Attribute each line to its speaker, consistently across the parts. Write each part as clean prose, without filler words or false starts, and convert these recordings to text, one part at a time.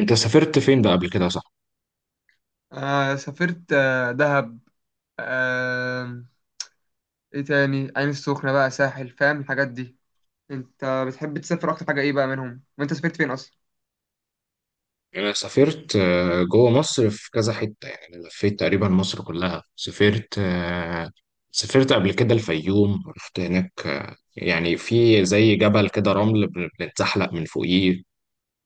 Speaker 1: انت سافرت فين بقى قبل كده صح؟
Speaker 2: آه سافرت دهب. آه ايه تاني؟ عين السخنة بقى، ساحل، فاهم الحاجات دي. انت بتحب تسافر اكتر حاجة ايه بقى منهم، وانت سافرت فين اصلا؟
Speaker 1: انا سافرت جوه مصر في كذا حتة، يعني انا لفيت تقريبا مصر كلها. سافرت سافرت قبل كده الفيوم، رحت هناك يعني في زي جبل كده رمل بنتزحلق من فوقيه،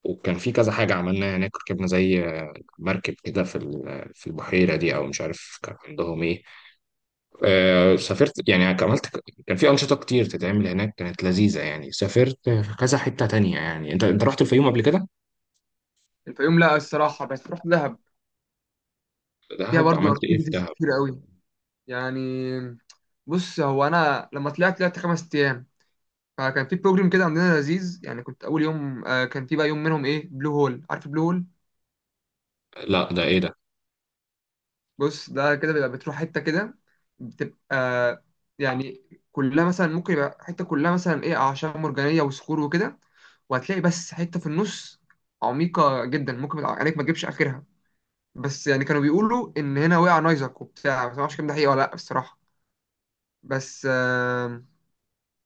Speaker 1: وكان في كذا حاجة عملناها هناك. ركبنا زي مركب كده في في البحيرة دي، أو مش عارف كان عندهم إيه. سافرت يعني عملت، كان في أنشطة كتير تتعمل هناك كانت لذيذة. يعني سافرت في كذا حتة تانية، يعني أنت رحت الفيوم قبل كده؟
Speaker 2: الفيوم لا الصراحة، بس رحت دهب. فيها
Speaker 1: دهب
Speaker 2: برضو
Speaker 1: عملت ايه في
Speaker 2: اكتيفيتيز
Speaker 1: دهب؟
Speaker 2: كتير قوي. يعني بص، هو انا لما طلعت، طلعت خمس ايام، فكان في بروجرام كده عندنا لذيذ. يعني كنت اول يوم كان في بقى يوم منهم ايه، بلو هول، عارف بلو هول؟
Speaker 1: لا ده ايه ده؟
Speaker 2: بص، ده كده بيبقى بتروح حتة كده، بتبقى يعني كلها مثلا ممكن يبقى حتة كلها مثلا ايه، أعشاب مرجانية وصخور وكده، وهتلاقي بس حتة في النص عميقة جدا، ممكن يبقى عينيك ما تجيبش آخرها. بس يعني كانوا بيقولوا إن هنا وقع نايزك وبتاع، بس ما اعرفش الكلام ده حقيقة ولا لأ الصراحة. بس آه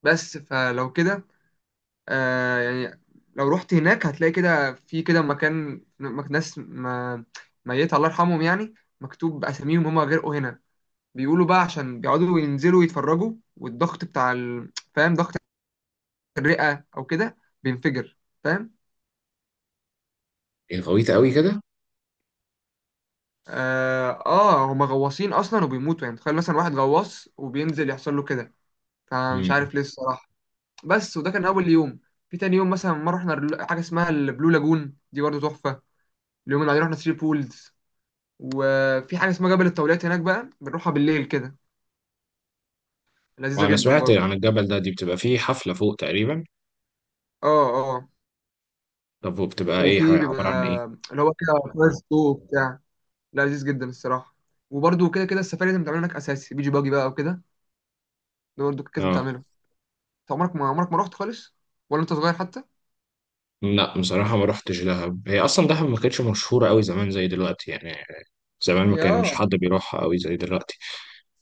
Speaker 2: بس فلو كده يعني لو رحت هناك هتلاقي كده في كده مكان، ناس ما ميت، الله يرحمهم يعني، مكتوب أساميهم هما غرقوا هنا. بيقولوا بقى عشان بيقعدوا ينزلوا يتفرجوا، والضغط بتاع فاهم، ضغط الرئة او كده بينفجر، فاهم.
Speaker 1: ايه غويطة قوي كده.
Speaker 2: اه, آه هما غواصين اصلا وبيموتوا. يعني تخيل مثلا واحد غواص وبينزل يحصل له كده، فمش
Speaker 1: امم.
Speaker 2: عارف ليه الصراحة. بس وده كان اول يوم. في تاني يوم مثلا مرة رحنا حاجة اسمها البلو لاجون دي، برضه تحفة. اليوم اللي بعدين رحنا ثري بولز، وفي حاجة اسمها جبل الطاولات هناك بقى، بنروحها بالليل كده، لذيذة
Speaker 1: وانا
Speaker 2: جدا
Speaker 1: سمعت
Speaker 2: برضه.
Speaker 1: عن الجبل ده، دي بتبقى فيه حفلة فوق تقريبا؟
Speaker 2: اه اه.
Speaker 1: طب وبتبقى ايه،
Speaker 2: وفي
Speaker 1: حاجة
Speaker 2: بيبقى
Speaker 1: عبارة عن ايه؟
Speaker 2: اللي هو كده فاير سلو بتاع، لذيذ جدا الصراحه. وبرده كده كده السفاري لازم تعمل هناك اساسي، بيجي باجي بقى وكده، ده برده لازم
Speaker 1: اه.
Speaker 2: تعمله. انت عمرك ما، رحت خالص؟ ولا انت صغير حتى؟
Speaker 1: لا بصراحة ما روحتش دهب، هي اصلا دهب ما كانتش مشهورة قوي زمان زي دلوقتي يعني، زمان ما
Speaker 2: يا
Speaker 1: كانش حد بيروحها قوي زي دلوقتي.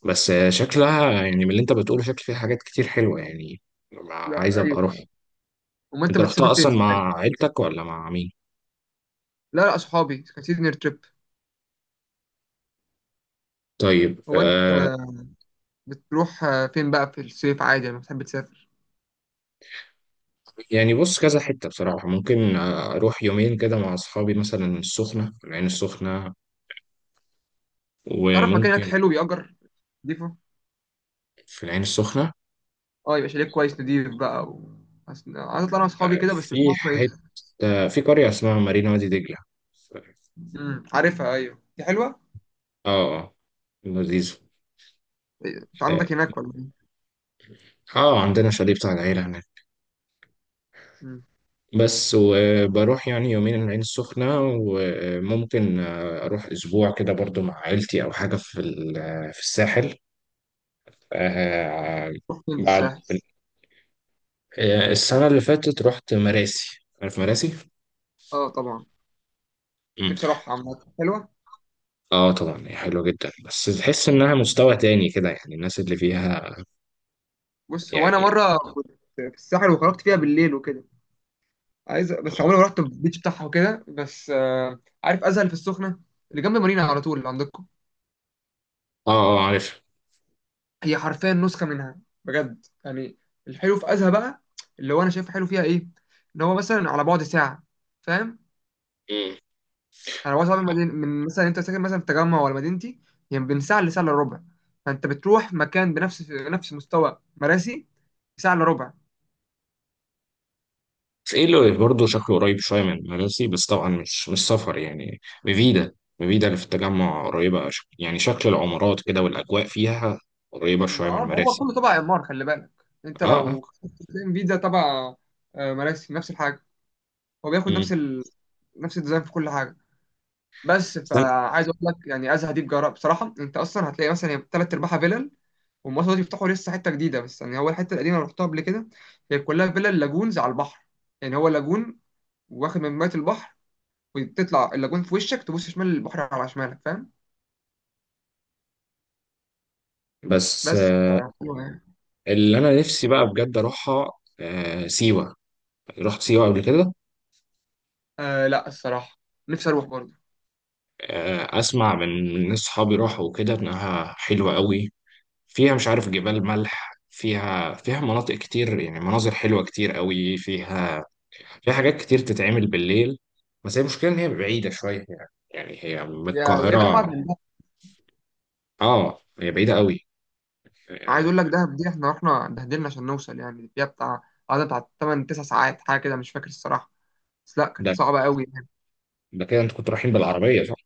Speaker 1: بس شكلها يعني من اللي انت بتقوله، شكل فيها حاجات كتير حلوة يعني،
Speaker 2: لا
Speaker 1: عايز ابقى اروح.
Speaker 2: ايوه. امال انت
Speaker 1: انت
Speaker 2: بتسافر
Speaker 1: رحتها
Speaker 2: فين
Speaker 1: اصلا
Speaker 2: في العادي؟
Speaker 1: مع عيلتك ولا مع مين؟
Speaker 2: لا لا، صحابي كان سيزنير تريب.
Speaker 1: طيب.
Speaker 2: هو انت بتروح فين بقى في الصيف عادي لما بتحب تسافر؟
Speaker 1: يعني بص كذا حتة بصراحة، ممكن أروح يومين كده مع أصحابي مثلا السخنة، في العين السخنة
Speaker 2: تعرف مكان هناك
Speaker 1: وممكن.
Speaker 2: حلو، بيأجر، نضيفه؟
Speaker 1: في العين السخنة.
Speaker 2: اه، يبقى شاليه كويس نضيف بقى و... عايز اطلع انا واصحابي كده، بس مش
Speaker 1: في
Speaker 2: عارف كويس.
Speaker 1: حتة، في قرية اسمها مارينا وادي دجلة.
Speaker 2: امم، عارفها، ايوه دي حلوه.
Speaker 1: اه اه. لذيذ.
Speaker 2: إيه، انت
Speaker 1: اه.
Speaker 2: عندك هناك ولا ايه؟
Speaker 1: عندنا شاليه بتاع العيلة هناك.
Speaker 2: امم.
Speaker 1: بس وبروح يعني يومين العين السخنة، وممكن أروح أسبوع كده برضو مع عيلتي أو حاجة في في الساحل. آه،
Speaker 2: رحت فين في
Speaker 1: بعد
Speaker 2: الساحل؟
Speaker 1: السنة اللي فاتت رحت مراسي، عارف مراسي؟
Speaker 2: اه طبعا.
Speaker 1: مم.
Speaker 2: نفسي اروح، عامة حلوة.
Speaker 1: اه طبعا، هي حلوة جدا بس تحس انها مستوى تاني كده يعني، الناس اللي فيها
Speaker 2: بص هو انا
Speaker 1: يعني.
Speaker 2: مرة كنت في الساحل وخرجت فيها بالليل وكده. عايز، بس عمري ما رحت البيتش بتاعها وكده، بس عارف ازهل في السخنة، اللي جنب مارينا على طول اللي عندكم؟
Speaker 1: اه اه عارف.
Speaker 2: هي حرفيا نسخة منها، بجد يعني. الحلو في ازهى بقى، اللي هو انا شايف حلو فيها ايه، ان هو مثلا على بعد ساعة، فاهم.
Speaker 1: مم.
Speaker 2: انا بعد ساعة من من مثلا، انت ساكن مثلا في التجمع ولا مدينتي، هي يعني بين ساعة لساعة الا ربع. فانت بتروح مكان بنفس مستوى مراسي ساعة الا ربع.
Speaker 1: بس ايه اللي برضه شكله قريب شوية من مراسي، بس طبعا مش سفر يعني. مفيدة مفيدة اللي في التجمع قريبة يعني شكل العمارات كده والأجواء فيها قريبة
Speaker 2: ما
Speaker 1: شوية
Speaker 2: آه،
Speaker 1: من
Speaker 2: ما هو
Speaker 1: مراسي.
Speaker 2: كله تبع إعمار، خلي بالك. أنت
Speaker 1: اه اه.
Speaker 2: لو ام في ده تبع مراسي نفس الحاجة، هو بياخد نفس
Speaker 1: مم.
Speaker 2: نفس الديزاين في كل حاجة. بس
Speaker 1: استنى.
Speaker 2: فعايز أقول لك يعني أزهى دي بجراء بصراحة، أنت أصلا هتلاقي مثلا هي تلات أرباعها فيلل، والمصر دول يفتحوا لسه حتة جديدة، بس يعني هو الحتة القديمة اللي رحتها قبل كده، هي كلها فيلل لاجونز على البحر. يعني هو لاجون واخد من مية البحر، وتطلع اللاجون في وشك، تبص شمال البحر على شمالك، فاهم.
Speaker 1: بس
Speaker 2: بس
Speaker 1: اللي أنا نفسي بقى بجد أروحها سيوة، رحت سيوة قبل كده؟
Speaker 2: آه لا الصراحة، نفسي أروح برضه.
Speaker 1: اسمع من ناس صحابي راحوا وكده، انها حلوه قوي، فيها مش عارف جبال ملح، فيها مناطق كتير يعني، مناظر حلوه كتير قوي فيها، فيها حاجات كتير تتعمل بالليل. بس هي المشكله ان هي بعيده شويه يعني، يعني هي من
Speaker 2: يا غالبا أبعد
Speaker 1: القاهره
Speaker 2: من،
Speaker 1: اه، هي بعيده قوي.
Speaker 2: عايز
Speaker 1: آه،
Speaker 2: اقول لك دهب دي احنا رحنا اتبهدلنا عشان نوصل، يعني فيها بتاع، قعدنا بتاع 8 9 ساعات حاجه كده، مش فاكر الصراحه، بس لا كانت
Speaker 1: ده
Speaker 2: صعبه قوي يعني.
Speaker 1: ده كده انتوا كنتوا رايحين بالعربيه صح؟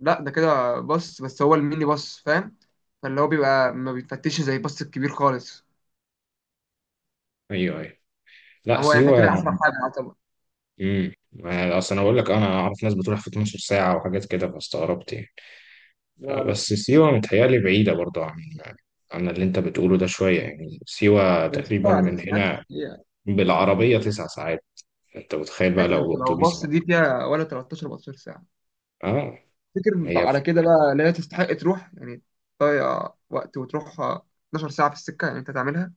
Speaker 2: لا ده كده باص، بس هو الميني باص فاهم، فاللي هو بيبقى ما بيتفتش زي الباص الكبير خالص.
Speaker 1: ايوه ايوه.
Speaker 2: ان
Speaker 1: لا
Speaker 2: هو احنا
Speaker 1: سيوه.
Speaker 2: كده اسرع حاجه يعتبر.
Speaker 1: امم. اصل انا بقول لك انا اعرف ناس بتروح في 12 ساعه وحاجات كده فاستغربت يعني.
Speaker 2: لا لا.
Speaker 1: بس سيوة متهيألي بعيدة برضو عن اللي أنت بتقوله ده شوية، يعني سيوة
Speaker 2: بس
Speaker 1: تقريبا
Speaker 2: انا
Speaker 1: من
Speaker 2: سمعت
Speaker 1: هنا
Speaker 2: إن هي،
Speaker 1: بالعربية 9 ساعات، أنت متخيل بقى
Speaker 2: ماشي انت
Speaker 1: لو
Speaker 2: لو
Speaker 1: أتوبيس؟
Speaker 2: باص دي فيها ولا 13 14 ساعه؟
Speaker 1: آه.
Speaker 2: تفتكر
Speaker 1: هي
Speaker 2: على كده بقى لا هي تستحق تروح؟ يعني تضيع وقت وتروح 12 ساعه في السكه، يعني انت تعملها.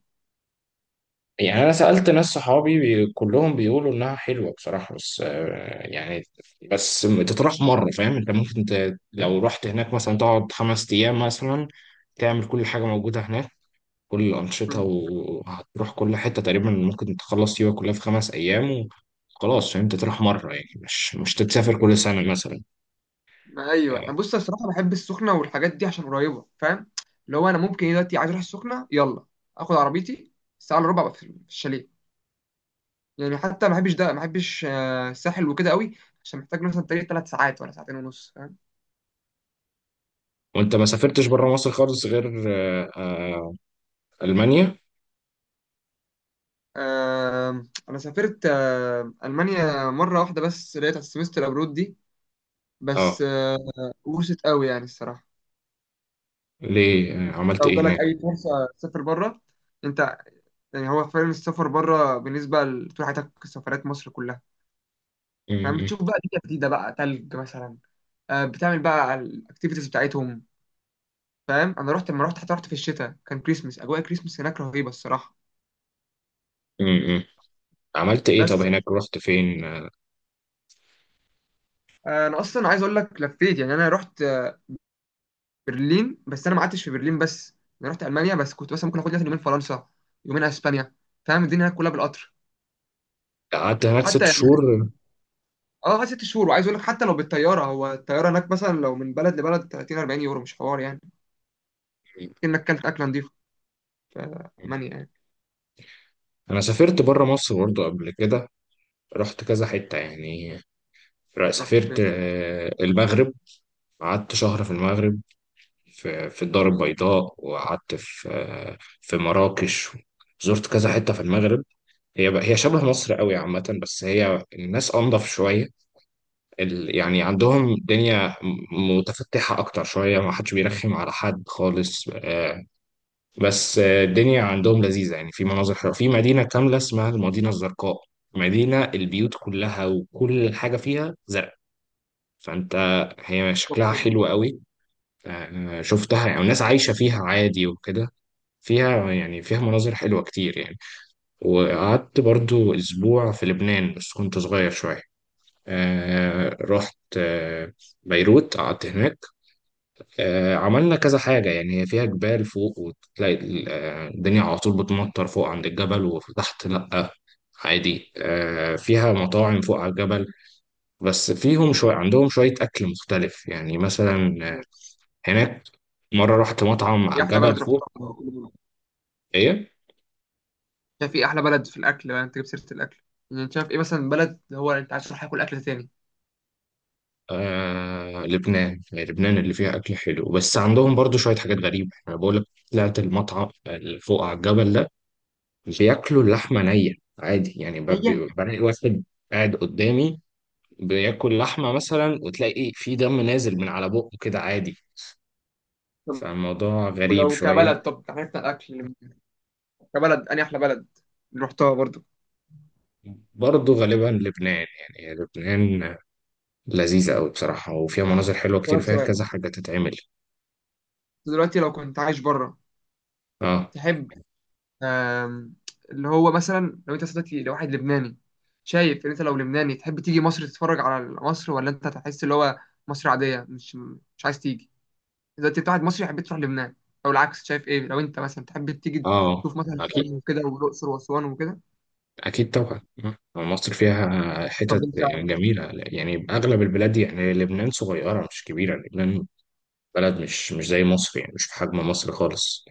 Speaker 1: يعني أنا سألت ناس صحابي كلهم بيقولوا إنها حلوة بصراحة، بس يعني بس تطرح مرة، فاهم أنت ممكن لو رحت هناك مثلا تقعد 5 أيام مثلا، تعمل كل حاجة موجودة هناك كل الأنشطة وهتروح كل حتة تقريبا، ممكن تخلص سيوة كلها في 5 أيام وخلاص. فاهم أنت تروح مرة يعني، مش تتسافر كل سنة مثلا.
Speaker 2: ايوه
Speaker 1: آه،
Speaker 2: انا بص، أنا الصراحه بحب السخنه والحاجات دي عشان قريبه، فاهم. اللي هو انا ممكن إيه دلوقتي، عايز اروح السخنه، يلا اخد عربيتي، الساعه الا ربع أبقى في في الشاليه. يعني حتى ما بحبش ده، ما بحبش الساحل وكده قوي، عشان محتاج مثلا طريق ثلاث ساعات ولا ساعتين ونص، فاهم.
Speaker 1: وأنت ما سافرتش بره مصر خالص غير آه، آه، ألمانيا؟
Speaker 2: آه انا سافرت المانيا مره واحده، بس لقيت على السمستر ابرود دي، بس
Speaker 1: أه.
Speaker 2: آه، وست قوي يعني الصراحه.
Speaker 1: ليه عملت
Speaker 2: لو
Speaker 1: إيه
Speaker 2: جالك
Speaker 1: هناك؟
Speaker 2: اي فرصه تسافر بره انت، يعني هو فعلا السفر بره بالنسبه لطول حياتك سفرات مصر كلها،
Speaker 1: م-
Speaker 2: فاهم، بتشوف
Speaker 1: م-
Speaker 2: بقى دنيا جديده بقى، تلج مثلا، آه، بتعمل بقى الاكتيفيتيز بتاعتهم، فاهم. انا رحت، لما رحت حتى رحت في الشتاء، كان كريسمس، اجواء كريسمس هناك رهيبه الصراحه.
Speaker 1: م- م. عملت إيه طب
Speaker 2: بس
Speaker 1: هناك، رحت فين؟
Speaker 2: انا اصلا عايز اقول لك لفيت. يعني انا رحت برلين، بس انا ما قعدتش في برلين بس، انا رحت المانيا، بس كنت مثلا ممكن اخد لي مثلاً يومين فرنسا، يومين اسبانيا، فاهم، الدنيا هناك كلها بالقطر.
Speaker 1: قعدت هناك
Speaker 2: وحتى
Speaker 1: ست
Speaker 2: يعني
Speaker 1: شهور م-
Speaker 2: اه قعدت ست شهور، وعايز اقول لك حتى لو بالطياره، هو الطياره هناك مثلا لو من بلد لبلد 30 40 يورو، مش حوار يعني، انك كلت اكله نظيفه في
Speaker 1: م.
Speaker 2: المانيا يعني.
Speaker 1: أنا سافرت بره مصر برضه قبل كده، رحت كذا حتة يعني.
Speaker 2: رحت
Speaker 1: سافرت المغرب، قعدت شهر في المغرب، في الدار البيضاء، وقعدت في في مراكش. زرت كذا حتة في المغرب. هي بقى هي شبه مصر قوي عامة، بس هي الناس أنضف شوية يعني عندهم الدنيا متفتحة أكتر شوية، ما حدش بيرخم على حد خالص. بس الدنيا عندهم لذيذة يعني، في مناظر حلوة، في مدينة كاملة اسمها المدينة الزرقاء، مدينة البيوت كلها وكل حاجة فيها زرق، فأنت هي شكلها
Speaker 2: فين؟
Speaker 1: حلو قوي. شفتها يعني الناس عايشة فيها عادي وكده، فيها يعني فيها مناظر حلوة كتير يعني. وقعدت برضو أسبوع في لبنان بس كنت صغير شوية. رحت بيروت، قعدت هناك. عملنا كذا حاجة يعني، هي فيها جبال فوق وتلاقي الدنيا على طول بتمطر فوق عند الجبل وتحت لأ عادي. فيها مطاعم فوق على الجبل، بس فيهم شوية عندهم شوية أكل مختلف يعني، مثلا هناك مرة رحت مطعم على
Speaker 2: ايه احلى
Speaker 1: الجبل
Speaker 2: بلد رحتها؟
Speaker 1: فوق. إيه.
Speaker 2: شايف ايه احلى بلد في الاكل بقى، انت جبت سيره الاكل؟ يعني شايف ايه مثلا بلد، هو انت عايز تروح تاكل اكل تاني؟
Speaker 1: آه لبنان، يعني لبنان اللي فيها أكل حلو، بس عندهم برضو شوية حاجات غريبة أنا بقول لك. طلعت المطعم اللي فوق على الجبل ده، بياكلوا اللحمة نية عادي يعني،
Speaker 2: هي،
Speaker 1: بلاقي واحد قاعد قدامي بياكل لحمة مثلا، وتلاقي إيه، في دم نازل من على بقه كده عادي،
Speaker 2: طب
Speaker 1: فالموضوع غريب
Speaker 2: لو
Speaker 1: شوية.
Speaker 2: كبلد، طب عرفنا الاكل، كبلد اني احلى بلد اللي رحتها برضو؟
Speaker 1: برضو غالبا لبنان، يعني لبنان لذيذة أوي بصراحة، وفيها مناظر حلوة كتير
Speaker 2: أسألك
Speaker 1: وفيها
Speaker 2: سؤال،
Speaker 1: كذا حاجة تتعمل.
Speaker 2: دلوقتي لو كنت عايش بره،
Speaker 1: اه
Speaker 2: تحب، آم، اللي هو مثلا لو انت صدقتي لواحد لبناني، شايف ان انت لو لبناني تحب تيجي مصر تتفرج على مصر، ولا انت هتحس اللي هو مصر عاديه، مش عايز تيجي؟ دلوقتي انت واحد مصري حبيت تروح لبنان، او العكس شايف ايه لو انت مثلا تحب تيجي
Speaker 1: اه.
Speaker 2: تشوف مثلا شرم وكده والاقصر واسوان وكده؟
Speaker 1: أكيد طبعا مصر فيها
Speaker 2: طب
Speaker 1: حتت
Speaker 2: انت،
Speaker 1: جميلة يعني، أغلب البلاد يعني لبنان صغيرة مش كبيرة، لبنان بلد مش زي مصر يعني، مش بحجم مصر خالص.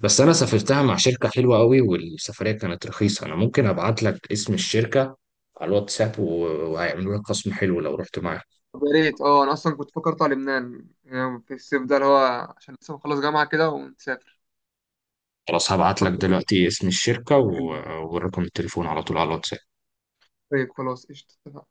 Speaker 1: بس أنا سافرتها
Speaker 2: ايوه.
Speaker 1: مع شركة حلوة قوي والسفرية كانت رخيصة، أنا ممكن أبعت لك اسم الشركة على الواتساب وهيعملوا لك خصم حلو لو رحت معاهم.
Speaker 2: طب يا ريت، اه انا اصلا كنت فكرت على لبنان يعني في الصيف ده، اللي هو عشان لسه بخلص جامعه كده ونسافر.
Speaker 1: خلاص هبعت
Speaker 2: طب،
Speaker 1: لك دلوقتي اسم الشركة
Speaker 2: عندك البريك؟
Speaker 1: ورقم التليفون على طول على الواتساب.
Speaker 2: خلاص قشطه.